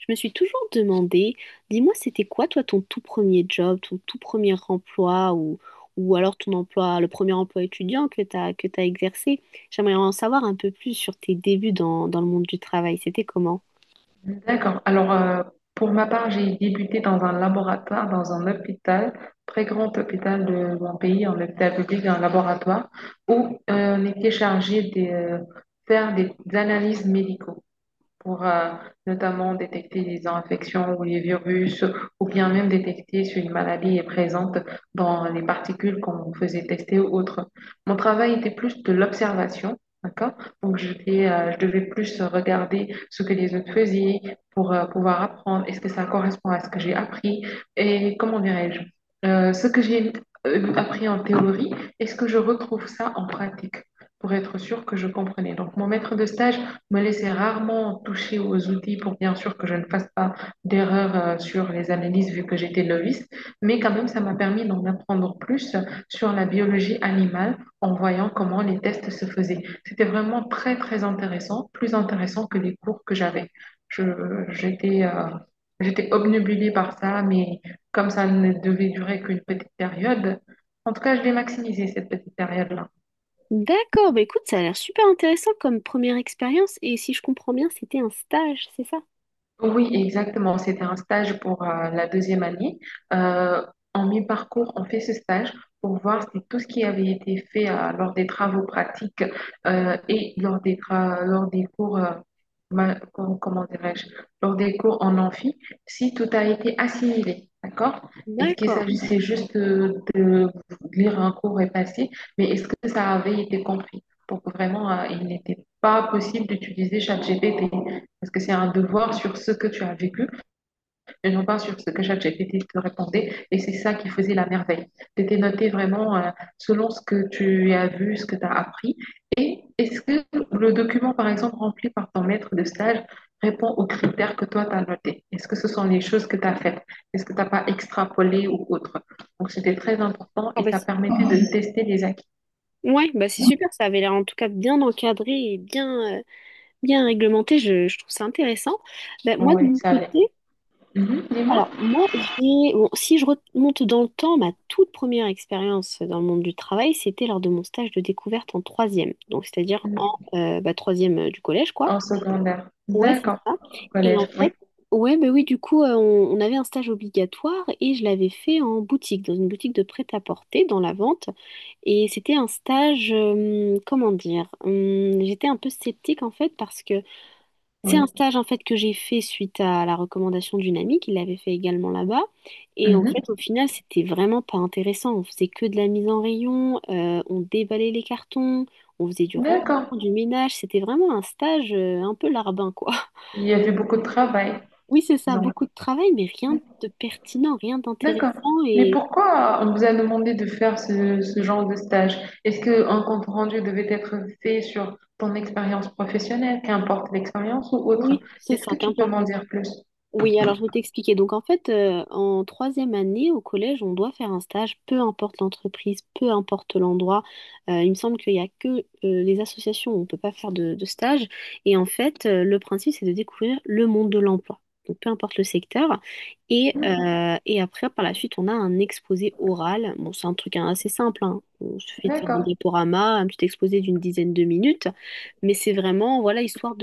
Je me suis toujours demandé, dis-moi, c'était quoi toi ton tout premier job, ton tout premier emploi ou alors ton emploi, le premier emploi étudiant que t'as exercé? J'aimerais en savoir un peu plus sur tes débuts dans le monde du travail. C'était comment? D'accord. Pour ma part, j'ai débuté dans un laboratoire, dans un hôpital, très grand hôpital de mon pays, un hôpital public, un laboratoire, où on était chargé de faire des analyses médicaux pour notamment détecter les infections ou les virus, ou bien même détecter si une maladie est présente dans les particules qu'on faisait tester ou autre. Mon travail était plus de l'observation, d'accord? Donc, je devais plus regarder ce que les autres faisaient pour pouvoir apprendre. Est-ce que ça correspond à ce que j'ai appris? Et comment dirais-je? Ce que j'ai appris en théorie, est-ce que je retrouve ça en pratique? Pour être sûr que je comprenais. Donc, mon maître de stage me laisser rarement toucher aux outils pour bien sûr que je ne fasse pas d'erreur sur les analyses vu que j'étais novice, mais quand même ça m'a permis d'en apprendre plus sur la biologie animale en voyant comment les tests se faisaient. C'était vraiment très très intéressant, plus intéressant que les cours que j'avais. Je, j'étais J'étais obnubilée par ça, mais comme ça ne devait durer qu'une petite période, en tout cas je l'ai maximisé cette petite période-là. D'accord, bah écoute, ça a l'air super intéressant comme première expérience et si je comprends bien, c'était un stage, c'est ça? Oui, exactement. C'était un stage pour la deuxième année. Euh, en mi-parcours, on fait ce stage pour voir si tout ce qui avait été fait lors des travaux pratiques et lors lors des cours, comment dirais-je, lors des cours en amphi, si tout a été assimilé. D'accord? Est-ce qu'il D'accord. s'agissait juste euh, de lire un cours et passer, mais est-ce que ça avait été compris? Pour que vraiment, il n'était pas possible d'utiliser ChatGPT. Parce que c'est un devoir sur ce que tu as vécu, mais non pas sur ce que ChatGPT te répondait. Et c'est ça qui faisait la merveille. Tu étais noté vraiment selon ce que tu as vu, ce que tu as appris. Et est-ce que le document, par exemple, rempli par ton maître de stage répond aux critères que toi, tu as notés? Est-ce que ce sont les choses que tu as faites? Est-ce que tu n'as pas extrapolé ou autre? Donc, c'était très important Ah et bah, ça c'est- permettait de tester les acquis. ouais, bah c'est super, ça avait l'air en tout cas bien encadré et bien, bien réglementé, je trouve ça intéressant. Bah, moi, de Oui, mon ça allait. côté, Mhm. Dis-moi. alors, moi, bon, si je remonte dans le temps, ma toute première expérience dans le monde du travail, c'était lors de mon stage de découverte en troisième. Donc, c'est-à-dire en bah, troisième du collège, quoi. En secondaire. Ouais, c'est D'accord. ça. Au Et en collège, oui. fait, ouais, bah oui, du coup, on avait un stage obligatoire et je l'avais fait en boutique, dans une boutique de prêt-à-porter, dans la vente. Et c'était un stage, comment dire, j'étais un peu sceptique en fait parce que c'est un Oui. stage en fait que j'ai fait suite à la recommandation d'une amie qui l'avait fait également là-bas. Et en fait, Mhm. au final, c'était vraiment pas intéressant. On faisait que de la mise en rayon, on déballait les cartons, on faisait du rangement, D'accord. du ménage. C'était vraiment un stage un peu larbin, quoi. Il y avait beaucoup de travail, Oui, c'est ça, disons. beaucoup de travail, mais rien de pertinent, rien D'accord. d'intéressant. Mais Et pourquoi on vous a demandé de faire ce genre de stage? Est-ce qu'un compte rendu devait être fait sur ton expérience professionnelle, qu'importe l'expérience ou autre? oui, c'est Est-ce ça, que qu'un... tu peux m'en dire plus? Oui, alors je vais t'expliquer. Donc en fait, en troisième année au collège, on doit faire un stage, peu importe l'entreprise, peu importe l'endroit. Il me semble qu'il n'y a que les associations où on ne peut pas faire de stage. Et en fait, le principe, c'est de découvrir le monde de l'emploi. Donc peu importe le secteur. Et et après, par la suite, on a un exposé oral. Bon, c'est un truc hein, assez simple, hein. Il suffit de faire un D'accord. diaporama, un petit exposé d'une dizaine de minutes. Mais c'est vraiment, voilà, histoire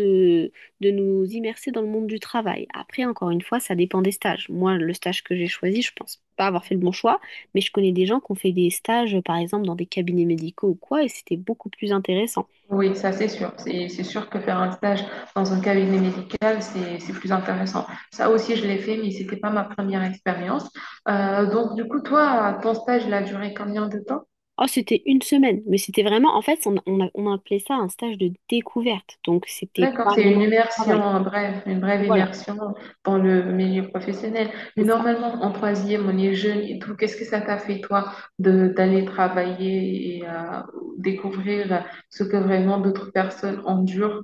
de nous immerser dans le monde du travail. Après, encore une fois, ça dépend des stages. Moi, le stage que j'ai choisi, je pense pas avoir fait le bon choix, mais je connais des gens qui ont fait des stages, par exemple, dans des cabinets médicaux ou quoi, et c'était beaucoup plus intéressant. Oui, ça c'est sûr. C'est sûr que faire un stage dans un cabinet médical, c'est plus intéressant. Ça aussi, je l'ai fait, mais c'était pas ma première expérience. Donc, du coup, toi, ton stage, il a duré combien de temps? Oh, c'était une semaine, mais c'était vraiment, en fait, on appelait ça un stage de découverte, donc c'était D'accord, pas vraiment c'est du une travail. immersion, bref, une brève Voilà, immersion dans le milieu professionnel. Mais c'est ça. normalement, en troisième, on est jeune et tout. Qu'est-ce que ça t'a fait, toi, de d'aller travailler et découvrir ce que vraiment d'autres personnes endurent?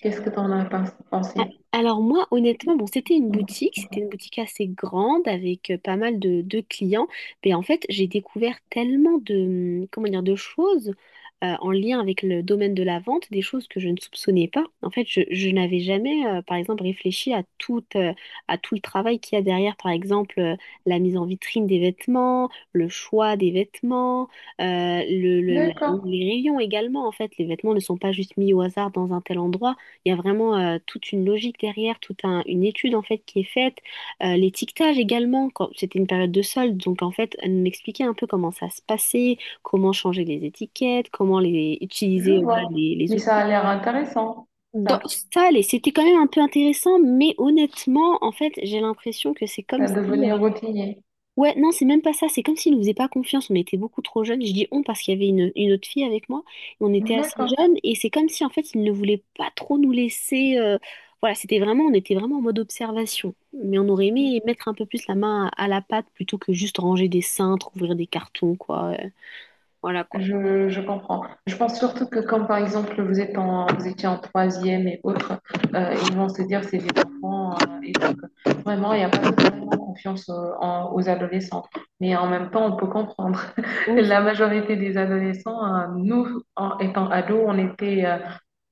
Qu'est-ce que A- pensé? Alors moi, honnêtement, bon, c'était une boutique assez grande avec pas mal de clients, mais en fait, j'ai découvert tellement de, comment dire, de choses en lien avec le domaine de la vente, des choses que je ne soupçonnais pas. En fait, je n'avais jamais, par exemple, réfléchi à tout le travail qu'il y a derrière, par exemple, la mise en vitrine des vêtements, le choix des vêtements, euh, le, le- la- D'accord, les rayons également. En fait, les vêtements ne sont pas juste mis au hasard dans un tel endroit. Il y a vraiment toute une logique derrière, une étude en fait qui est faite. L'étiquetage également, quand c'était une période de solde, donc en fait, elle m'expliquait un peu comment ça se passait, comment changer les étiquettes, comment les je utiliser, voilà, vois. Les Mais ça outils. a l'air intéressant, Dans ça. ça, allez, c'était quand même un peu intéressant, mais honnêtement, en fait, j'ai l'impression que c'est comme Ça si devenait euh, routinier. ouais, non, c'est même pas ça. C'est comme s'il nous faisaient pas confiance. On était beaucoup trop jeunes. Je dis on parce qu'il y avait une autre fille avec moi. Et on était assez D'accord. jeunes. Et c'est comme si, en fait, ils ne voulaient pas trop nous laisser. Voilà, c'était vraiment, on était vraiment en mode observation. Mais on aurait aimé mettre un peu plus la main à la pâte plutôt que juste ranger des cintres, ouvrir des cartons, quoi. Voilà, quoi. Je comprends. Je pense surtout que comme par exemple vous êtes vous étiez en troisième et autres, ils vont se dire c'est des enfants et donc vraiment il n'y a pas vraiment confiance aux adolescents. Mais en même temps on peut comprendre. La majorité des adolescents, nous en étant ados, on était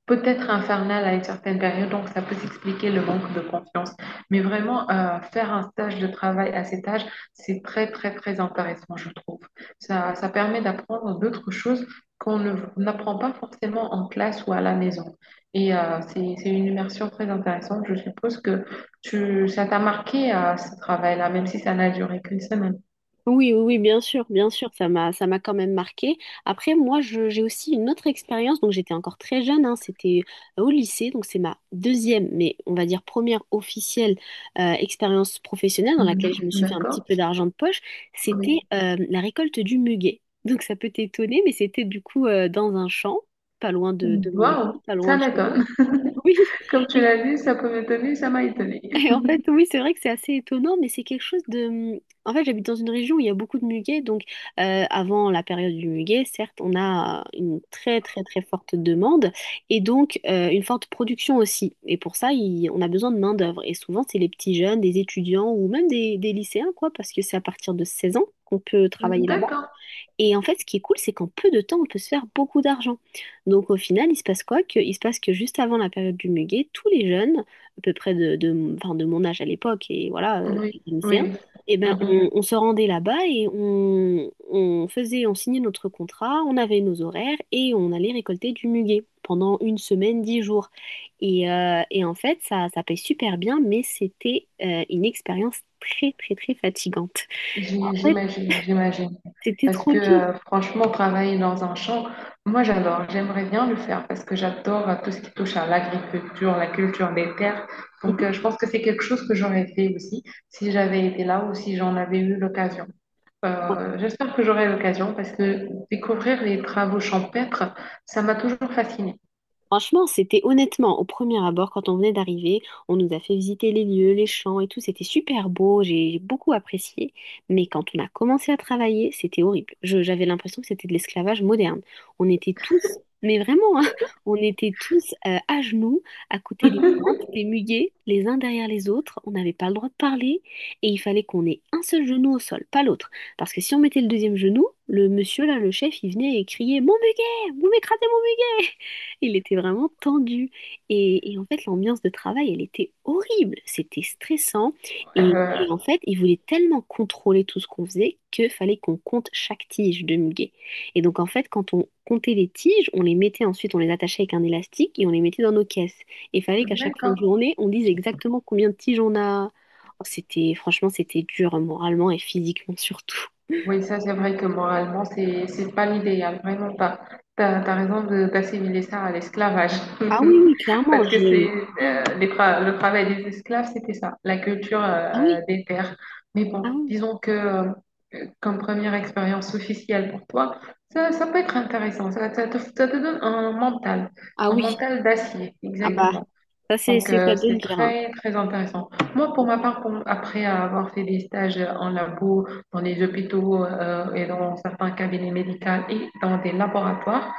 peut-être infernal à une certaine période, donc ça peut s'expliquer le manque de confiance. Mais vraiment, faire un stage de travail à cet âge, c'est très, très, très intéressant, je trouve. Ça permet d'apprendre d'autres choses qu'on n'apprend pas forcément en classe ou à la maison. Et c'est une immersion très intéressante. Je suppose que ça t'a marqué à ce travail-là, même si ça n'a duré qu'une semaine. Oui, oui, oui, bien sûr, ça m'a quand même marqué. Après, moi, j'ai aussi une autre expérience, donc j'étais encore très jeune, hein, c'était au lycée, donc c'est ma deuxième, mais on va dire première officielle expérience professionnelle dans laquelle Mhm. je me suis fait un petit D'accord? peu d'argent de poche, Oui. c'était la récolte du muguet. Donc ça peut t'étonner, mais c'était du coup dans un champ, pas loin de mon lycée, Waouh, pas loin ça de chez moi. m'étonne. Comme tu Oui, l'as dit, ça peut m'étonner, ça m'a étonné. et en fait, oui, c'est vrai que c'est assez étonnant, mais c'est quelque chose de... en fait, j'habite dans une région où il y a beaucoup de muguet, donc avant la période du muguet, certes, on a une très très très forte demande et donc une forte production aussi. Et pour ça, on a besoin de main-d'œuvre. Et souvent, c'est les petits jeunes, des étudiants ou même des lycéens, quoi, parce que c'est à partir de 16 ans qu'on peut travailler là-bas. D'accord. Et en fait, ce qui est cool, c'est qu'en peu de temps, on peut se faire beaucoup d'argent. Donc au final, il se passe quoi? Que, il se passe que juste avant la période du muguet, tous les jeunes à peu près enfin, de mon âge à l'époque, et voilà, Oui, oui, lycéen, oui. et ben, Mhm. On se rendait là-bas et on signait notre contrat, on avait nos horaires et on allait récolter du muguet pendant une semaine, 10 jours. Et et en fait, ça paye super bien, mais c'était une expérience très, très, très fatigante. En fait, J'imagine, j'imagine. c'était Parce trop que dur. Franchement, travailler dans un champ, moi j'adore, j'aimerais bien le faire parce que j'adore tout ce qui touche à l'agriculture, la culture des terres. Donc Mhm. euh, je pense que c'est quelque chose que j'aurais fait aussi si j'avais été là ou si j'en avais eu l'occasion. J'espère que j'aurai l'occasion parce que découvrir les travaux champêtres, ça m'a toujours fascinée. Franchement, c'était honnêtement, au premier abord, quand on venait d'arriver, on nous a fait visiter les lieux, les champs et tout, c'était super beau, j'ai beaucoup apprécié, mais quand on a commencé à travailler, c'était horrible. J'avais l'impression que c'était de l'esclavage moderne. On était tous, mais vraiment, hein, on était tous à genoux, à côté des plantes, des muguets, les uns derrière les autres, on n'avait pas le droit de parler, et il fallait qu'on ait un seul genou au sol, pas l'autre. Parce que si on mettait le deuxième genou, le monsieur là, le chef, il venait et criait : « Mon muguet, vous m'écrasez. » Il était vraiment tendu. Et en fait, l'ambiance de travail, elle était horrible. C'était stressant. Et, Euh, et en fait, il voulait tellement contrôler tout ce qu'on faisait que fallait qu'on compte chaque tige de muguet. Et donc, en fait, quand on comptait les tiges, on les mettait ensuite, on les attachait avec un élastique et on les mettait dans nos caisses. Et il fallait qu'à chaque fin de D'accord. journée, on dise exactement combien de tiges on a. Oh, c'était, franchement, c'était dur hein, moralement et physiquement surtout. Oui, ça c'est vrai que moralement, c'est pas l'idéal, vraiment pas. T'as raison d'assimiler ça à l'esclavage. Ah oui, oui, clairement, Parce que c'est j'ai... Oh, le travail des esclaves, c'était ça, la culture ah oui, des terres. Mais ah bon, oui, disons que comme première expérience officielle pour toi, ça peut être intéressant. Ça te donne ah un oui. mental d'acier, Ah bah, exactement. ça, Donc, c'est ça euh, de le c'est dire, hein. très, très intéressant. Moi, pour ma part, après avoir fait des stages en labo, dans les hôpitaux et dans certains cabinets médicaux et dans des laboratoires,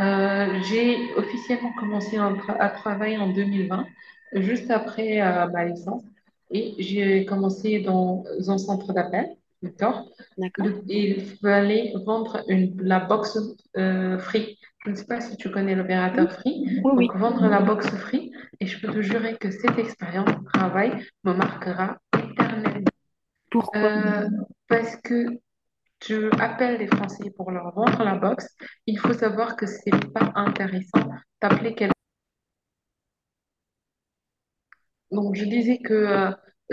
j'ai officiellement commencé un à travailler en 2020, juste après ma licence. Et j'ai commencé dans un centre d'appel, d'accord? D'accord? Le- il fallait vendre la box Free. Je ne sais pas si tu connais Oui, l'opérateur Free. oui. Oui. Donc, vendre la box Free, et je peux te jurer que cette expérience de travail me marquera éternellement. Pourquoi? Euh, parce que tu appelles les Français pour leur vendre la box, il faut savoir que c'est pas intéressant d'appeler quelqu'un. Donc, je disais que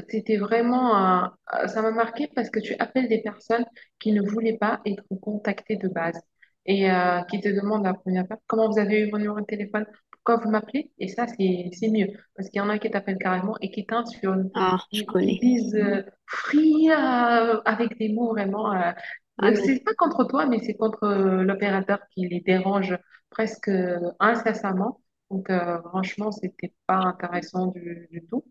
c'était vraiment, ça m'a marqué parce que tu appelles des personnes qui ne voulaient pas être contactées de base et qui te demandent à la première part, comment vous avez eu mon numéro de téléphone, pourquoi vous m'appelez? Et ça, c'est mieux parce qu'il y en a qui t'appellent carrément et qui t'insultent, Ah, je qui, qui connais. disent euh, Free, avec des mots vraiment. Ah, mais. C'est pas contre toi, mais c'est contre l'opérateur qui les dérange presque incessamment. Donc, franchement, c'était pas intéressant du tout.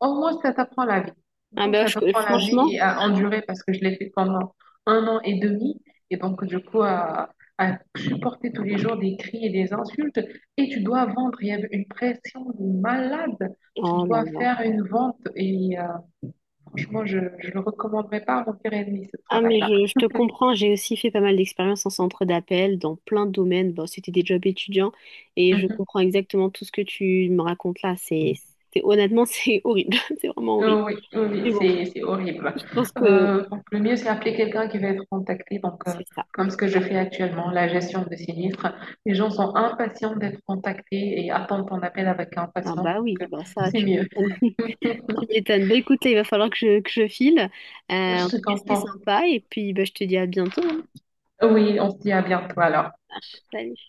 Au moins, ça t'apprend la vie. Ah, D'accord? ben, Ça je connais. t'apprend la vie Franchement. et à endurer parce que je l'ai fait pendant 1 an et demi. Et donc, du coup, à supporter tous les jours des cris et des insultes. Et tu dois vendre. Il y avait une pression de malade. Tu Oh là dois là. faire une vente. Et franchement, je ne le recommanderais pas à mon pire ennemi, ce Ah mais travail-là. Je te comprends, j'ai aussi fait pas mal d'expériences en centre d'appel dans plein de domaines. Bon, c'était des jobs étudiants et je Mhm. comprends exactement tout ce que tu me racontes là. Honnêtement, c'est horrible, c'est vraiment horrible. Oui, oui, oui, Mais bon, c'est horrible. je pense que Donc, le mieux, c'est appeler quelqu'un qui va être contacté. Donc, c'est ça. comme ce que C'est je ça. fais actuellement, la gestion de sinistres. Les gens sont impatients d'être contactés et attendent ton appel avec Ah impatience. bah Donc, oui, euh, bah ça, c'est tu mieux. m'étonnes. Tu m'étonnes. Bah écoute, là, il va falloir que que je file. Euh, Je En te tout cas, c'était comprends. sympa et puis bah, je te dis à bientôt, hein. Oui, on se dit à bientôt alors. Ah, salut.